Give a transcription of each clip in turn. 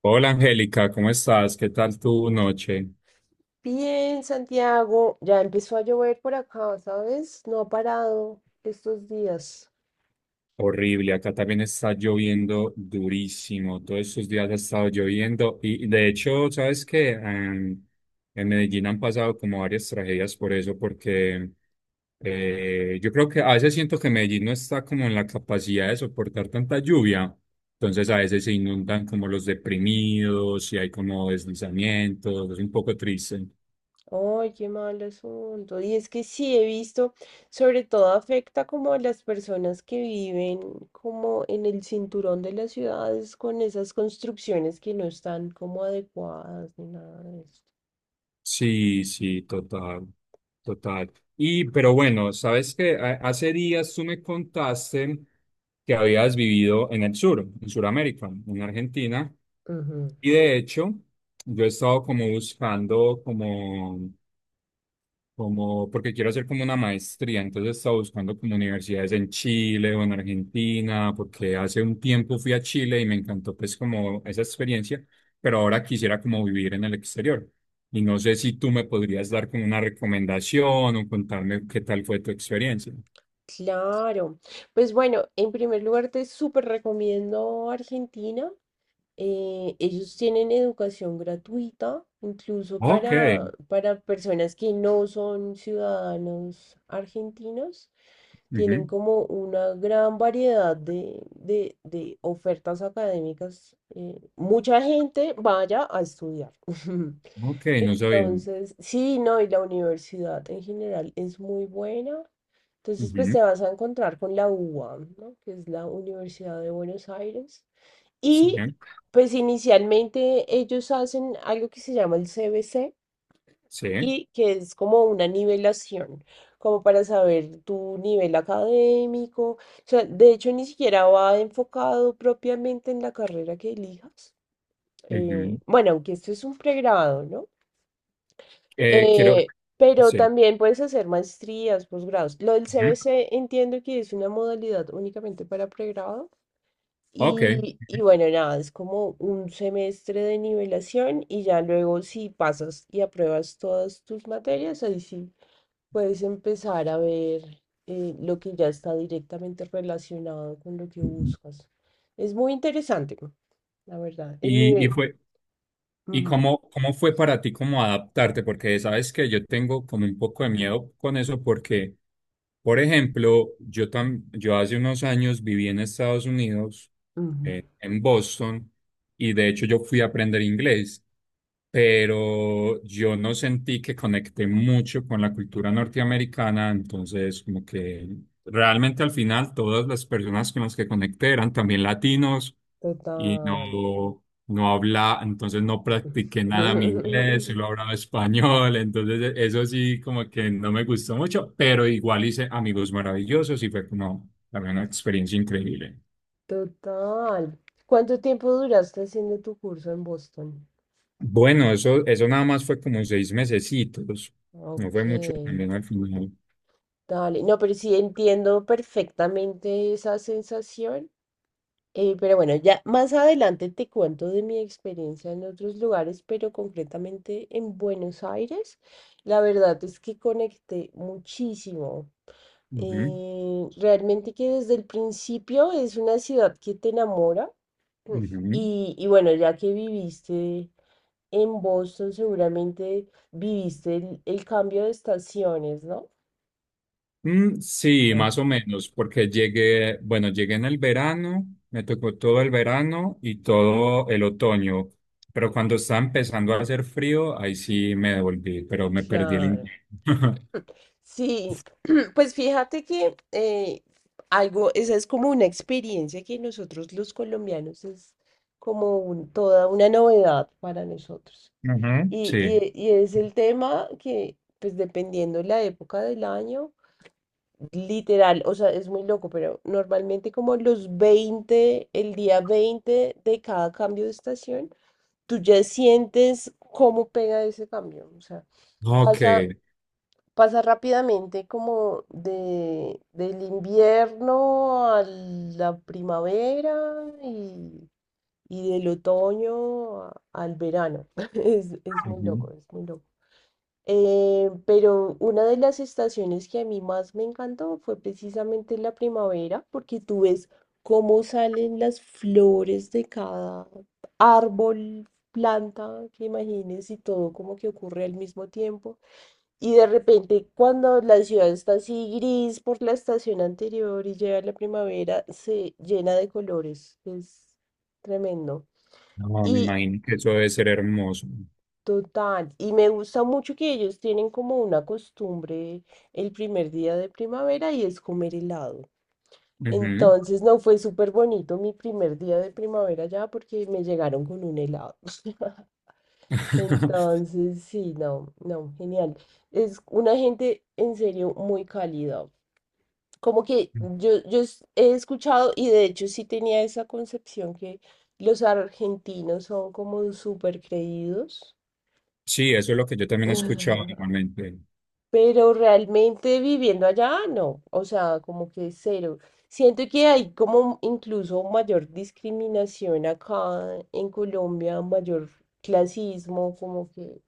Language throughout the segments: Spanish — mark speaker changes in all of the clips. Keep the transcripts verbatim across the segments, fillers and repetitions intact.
Speaker 1: Hola Angélica, ¿cómo estás? ¿Qué tal tu noche?
Speaker 2: Bien, Santiago, ya empezó a llover por acá, ¿sabes? No ha parado estos días.
Speaker 1: Horrible, acá también está lloviendo durísimo. Todos estos días ha estado lloviendo y de hecho, ¿sabes qué? Em, en Medellín han pasado como varias tragedias por eso, porque eh, yo creo que a veces siento que Medellín no está como en la capacidad de soportar tanta lluvia. Entonces a veces se inundan como los deprimidos y hay como deslizamientos, es un poco triste.
Speaker 2: Ay, qué mal asunto. Y es que sí he visto, sobre todo afecta como a las personas que viven como en el cinturón de las ciudades con esas construcciones que no están como adecuadas ni nada de eso.
Speaker 1: Sí, sí, total, total. Y, pero bueno, sabes que hace días tú me contaste que habías vivido en el sur, en Sudamérica, en Argentina,
Speaker 2: Ujú.
Speaker 1: y de hecho, yo he estado como buscando como como porque quiero hacer como una maestría, entonces estaba buscando como universidades en Chile o en Argentina, porque hace un tiempo fui a Chile y me encantó pues como esa experiencia, pero ahora quisiera como vivir en el exterior. Y no sé si tú me podrías dar como una recomendación o contarme qué tal fue tu experiencia.
Speaker 2: Claro. Pues bueno, en primer lugar te súper recomiendo Argentina. Eh, ellos tienen educación gratuita, incluso
Speaker 1: Ok,
Speaker 2: para, para personas que no son ciudadanos argentinos. Tienen
Speaker 1: ujú,
Speaker 2: como una gran variedad de, de- de ofertas académicas. Eh, mucha gente vaya a estudiar.
Speaker 1: ok, no sabía.
Speaker 2: Entonces, sí, no, y la universidad en general es muy buena. Entonces, pues
Speaker 1: Ujú.
Speaker 2: te vas a encontrar con la UBA, ¿no? Que es la Universidad de Buenos Aires.
Speaker 1: Sí,
Speaker 2: Y pues inicialmente ellos hacen algo que se llama el C B C
Speaker 1: sí.
Speaker 2: y que es como una nivelación, como para saber tu nivel académico. O sea, de hecho ni siquiera va enfocado propiamente en la carrera que elijas. Eh,
Speaker 1: Ujú.
Speaker 2: bueno, aunque esto es un pregrado, ¿no?
Speaker 1: Eh, quiero,
Speaker 2: Eh, pero
Speaker 1: sí.
Speaker 2: también puedes hacer maestrías, posgrados. Lo del
Speaker 1: Ujú,
Speaker 2: C B C entiendo que es una modalidad únicamente para pregrado.
Speaker 1: ok,
Speaker 2: Y, y bueno, nada, es como un semestre de nivelación y ya luego si pasas y apruebas todas tus materias, ahí sí puedes empezar a ver eh, lo que ya está directamente relacionado con lo que buscas. Es muy interesante, la verdad. El
Speaker 1: y, y
Speaker 2: nivel.
Speaker 1: fue. ¿Y
Speaker 2: Ujú,
Speaker 1: cómo, cómo fue para ti como adaptarte? Porque sabes que yo tengo como un poco de miedo con eso porque, por ejemplo, yo, tam- yo hace unos años viví en Estados Unidos,
Speaker 2: ujú.
Speaker 1: eh, en Boston, y de hecho yo fui a aprender inglés, pero yo no sentí que conecté mucho con la cultura norteamericana, entonces como que realmente al final todas las personas con las que conecté eran también latinos y
Speaker 2: Total.
Speaker 1: no no habla, entonces no practiqué nada mi inglés, solo hablaba español, entonces e- eso sí como que no me gustó mucho, pero igual hice amigos maravillosos y fue como también una experiencia increíble.
Speaker 2: Total. ¿Cuánto tiempo duraste haciendo tu curso en Boston?
Speaker 1: Bueno, eso, eso nada más fue como seis mesecitos, no fue
Speaker 2: Ok.
Speaker 1: mucho también al final.
Speaker 2: Dale, no, pero sí entiendo perfectamente esa sensación. Eh, pero bueno, ya más adelante te cuento de mi experiencia en otros lugares, pero concretamente en Buenos Aires, la verdad es que conecté muchísimo.
Speaker 1: Ujú,
Speaker 2: Eh, realmente que desde el principio es una ciudad que te enamora. Mm.
Speaker 1: ujú.
Speaker 2: Y, y bueno, ya que viviste en Boston, seguramente viviste el, el cambio de estaciones, ¿no?
Speaker 1: Mm, sí,
Speaker 2: Mm.
Speaker 1: más o menos, porque llegué, bueno, llegué en el verano, me tocó todo el verano y todo el otoño, pero cuando estaba empezando a hacer frío, ahí sí me devolví, pero me perdí el
Speaker 2: Claro.
Speaker 1: intento.
Speaker 2: Sí, pues fíjate que eh, algo, esa es como una experiencia que nosotros los colombianos es como un- toda una novedad para nosotros.
Speaker 1: Ujú,
Speaker 2: Y,
Speaker 1: sí.
Speaker 2: y- y es el tema que, pues dependiendo la época del año, literal, o sea, es muy loco, pero normalmente como los veinte el día veinte de cada cambio de estación, tú ya sientes cómo pega ese cambio. O sea,
Speaker 1: Ok.
Speaker 2: pasa pasa rápidamente como de, del invierno a la primavera y, y del otoño a- al verano. Es, es muy
Speaker 1: Ujú.
Speaker 2: loco, es muy loco. Eh, pero una de las estaciones que a mí más me encantó fue precisamente la primavera, porque tú ves cómo salen las flores de cada árbol, planta que imagines y todo como que ocurre al mismo tiempo. Y de repente, cuando la ciudad está así gris por la estación anterior y llega la primavera, se llena de colores. Es tremendo.
Speaker 1: No, me
Speaker 2: Y
Speaker 1: imagino que eso debe ser hermoso.
Speaker 2: total, y me gusta mucho que ellos tienen como una costumbre el primer día de primavera y es comer helado.
Speaker 1: Ujú.
Speaker 2: Entonces, no fue súper bonito mi primer día de primavera ya porque me llegaron con un helado. Entonces, sí, no, no, genial. Es una gente en serio muy cálida. Como que yo, yo es- he escuchado, y de hecho sí tenía esa concepción que los argentinos son como súper creídos.
Speaker 1: Sí, eso es lo que yo también he escuchado normalmente.
Speaker 2: Pero realmente viviendo allá no, o sea, como que cero. Siento que hay como incluso mayor discriminación acá en Colombia, mayor clasismo, como que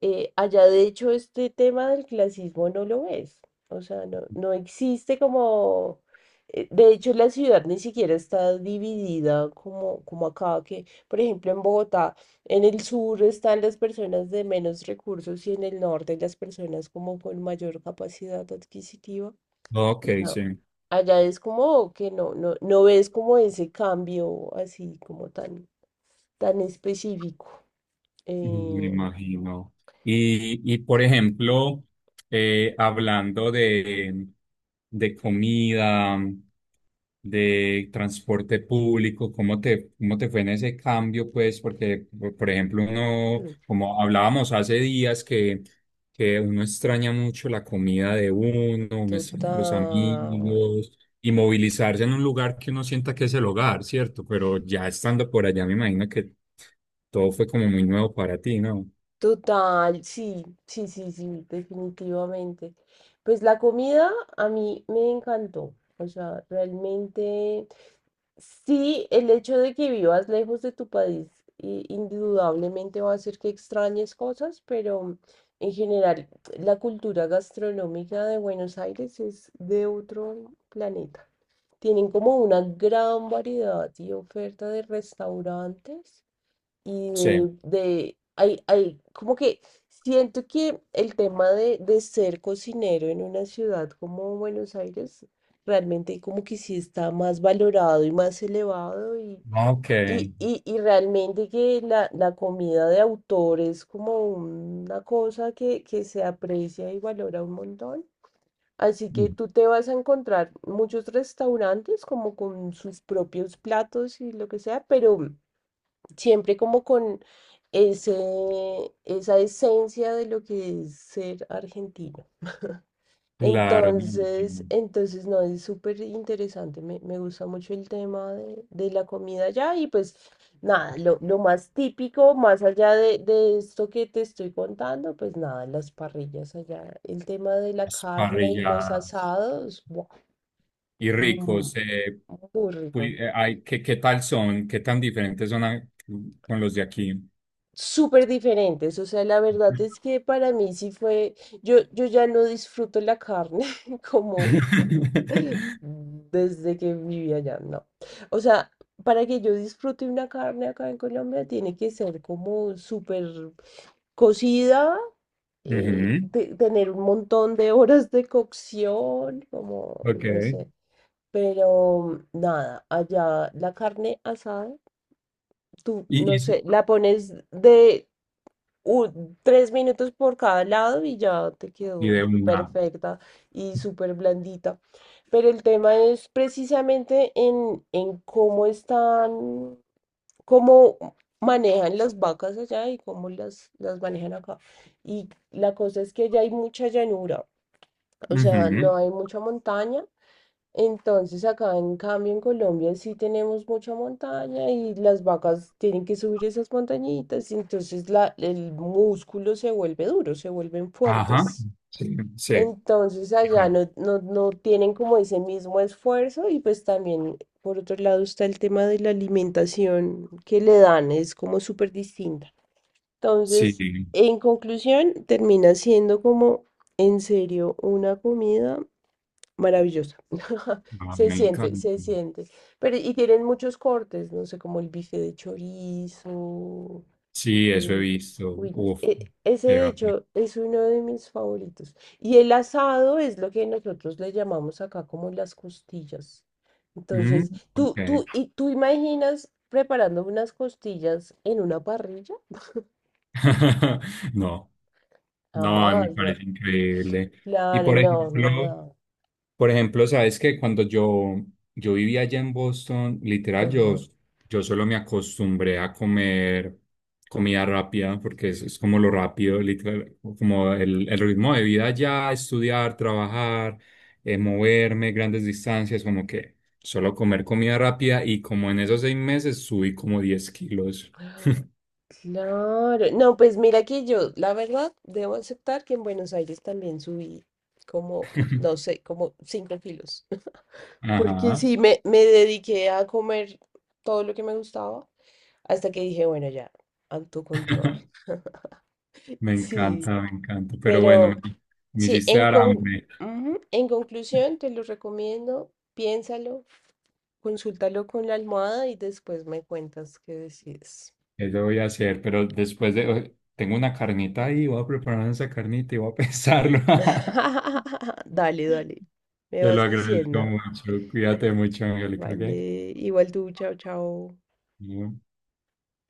Speaker 2: eh, allá de hecho este tema del clasismo no lo ves, o sea, no, no existe como, eh, de hecho la ciudad ni siquiera está dividida como, como acá, que por ejemplo en Bogotá, en el sur están las personas de menos recursos y en el norte las personas como con mayor capacidad adquisitiva.
Speaker 1: Ok,
Speaker 2: No,
Speaker 1: sí.
Speaker 2: allá es como que no, no, no ves como ese cambio así como tan, tan específico.
Speaker 1: Mm, me
Speaker 2: eh,
Speaker 1: imagino. Y, y por ejemplo, eh, hablando de, de comida, de transporte público, ¿cómo te, cómo te fue en ese cambio? Pues porque, por por ejemplo, uno, como hablábamos hace días, que, que uno extraña mucho la comida de uno, uno extraña los
Speaker 2: Total,
Speaker 1: amigos, y movilizarse en un lugar que uno sienta que es el hogar, ¿cierto? Pero ya estando por allá, me imagino que todo fue como muy nuevo para ti, ¿no?
Speaker 2: total, sí, sí, sí, sí, definitivamente. Pues la comida a mí me encantó, o sea, realmente sí, el hecho de que vivas lejos de tu país i- indudablemente va a hacer que extrañes cosas, pero en general la cultura gastronómica de Buenos Aires es de otro planeta. Tienen como una gran variedad y oferta de restaurantes y
Speaker 1: Sí,
Speaker 2: de, de- hay, hay, como que siento que el tema de, de ser cocinero en una ciudad como Buenos Aires realmente como que sí está más valorado y más elevado y,
Speaker 1: ok.
Speaker 2: y, y, y realmente que la, la comida de autor es como una cosa que, que se aprecia y valora un montón. Así que
Speaker 1: Mm,
Speaker 2: tú te vas a encontrar muchos restaurantes como con sus propios platos y lo que sea, pero siempre como con ese, esa esencia de lo que es ser argentino.
Speaker 1: claro, me
Speaker 2: Entonces,
Speaker 1: imagino.
Speaker 2: entonces no, es súper interesante, me, me gusta mucho el tema de, de la comida allá y pues nada, lo, lo más típico, más allá de, de esto que te estoy contando, pues nada, las parrillas allá, el tema de la
Speaker 1: Las
Speaker 2: carne y los
Speaker 1: parrilladas
Speaker 2: asados, ¡buah!
Speaker 1: y
Speaker 2: Mm,
Speaker 1: ricos. Eh,
Speaker 2: muy
Speaker 1: pul-
Speaker 2: rico.
Speaker 1: eh, ay, ¿qué, qué tal son? ¿Qué tan diferentes son a- con los de aquí?
Speaker 2: Súper diferentes. O sea, la verdad es que para mí sí fue, yo, yo ya no disfruto la carne como desde que vivía allá, no. O sea, para que yo disfrute una carne acá en Colombia tiene que ser como súper cocida. Eh,
Speaker 1: Ujú,
Speaker 2: te- tener un montón de horas de cocción, como,
Speaker 1: ok.
Speaker 2: no sé, pero nada, allá la carne asada, tú,
Speaker 1: Y,
Speaker 2: no
Speaker 1: y,
Speaker 2: sé, la pones de u- tres minutos por cada lado y ya te
Speaker 1: y
Speaker 2: quedó
Speaker 1: de una.
Speaker 2: perfecta y súper blandita. Pero el tema es precisamente en, en cómo están, cómo manejan las vacas allá y cómo las, las manejan acá. Y la cosa es que ya hay mucha llanura, o sea,
Speaker 1: Ujú,
Speaker 2: no hay mucha montaña. Entonces, acá en cambio en Colombia sí tenemos mucha montaña y las vacas tienen que subir esas montañitas y entonces la, el músculo se vuelve duro, se vuelven
Speaker 1: ajá.
Speaker 2: fuertes.
Speaker 1: Sí, sí.
Speaker 2: Entonces allá no, no, no tienen como ese mismo esfuerzo y pues también por otro lado está el tema de la alimentación que le dan, es como súper distinta.
Speaker 1: Sí,
Speaker 2: Entonces, en conclusión, termina siendo como en serio una comida maravillosa.
Speaker 1: ah,
Speaker 2: Se
Speaker 1: me
Speaker 2: siente,
Speaker 1: encanta.
Speaker 2: se siente. Pero, y tienen muchos cortes, no sé, como el bife de chorizo.
Speaker 1: Sí, eso he
Speaker 2: mm,
Speaker 1: visto.
Speaker 2: Uy, no,
Speaker 1: Uf,
Speaker 2: e- ese de
Speaker 1: ya.
Speaker 2: hecho es uno de mis favoritos. Y el asado es lo que nosotros le llamamos acá como las costillas.
Speaker 1: Mm,
Speaker 2: Entonces, tú,
Speaker 1: ok.
Speaker 2: tú, y tú imaginas preparando unas costillas en una parrilla?
Speaker 1: No, no, me
Speaker 2: Jamás, no.
Speaker 1: parece increíble. Y
Speaker 2: Claro,
Speaker 1: por
Speaker 2: no,
Speaker 1: ejemplo,
Speaker 2: no. No.
Speaker 1: por ejemplo, sabes que cuando yo, yo vivía allá en Boston, literal,
Speaker 2: Ujú.
Speaker 1: yo, yo solo me acostumbré a comer comida rápida, porque es, es como lo rápido, literal, como el, el ritmo de vida allá, estudiar, trabajar, eh, moverme, grandes distancias, como que solo comer comida rápida y como en esos seis meses subí como diez kilos.
Speaker 2: Ah, claro, no, pues mira que yo, la verdad, debo aceptar que en Buenos Aires también subí como, no sé, como cinco kilos, porque
Speaker 1: Ajá,
Speaker 2: sí, me, me dediqué a comer todo lo que me gustaba hasta que dije, bueno, ya, autocontrol.
Speaker 1: me
Speaker 2: Sí,
Speaker 1: encanta, me encanta, pero bueno, me,
Speaker 2: pero
Speaker 1: me
Speaker 2: sí,
Speaker 1: hiciste
Speaker 2: en,
Speaker 1: dar
Speaker 2: con,
Speaker 1: hambre.
Speaker 2: ujú, en conclusión, te lo recomiendo, piénsalo, consúltalo con la almohada y después me cuentas qué decides.
Speaker 1: Eso voy a hacer, pero después de... Tengo una carnita ahí, voy a preparar esa carnita y voy a pensarlo.
Speaker 2: Dale, dale. Me
Speaker 1: Te lo
Speaker 2: vas
Speaker 1: agradezco
Speaker 2: diciendo.
Speaker 1: mucho. Cuídate mucho, Angélica, ¿ok?
Speaker 2: Vale. Igual tú, chao, chao.
Speaker 1: Bueno.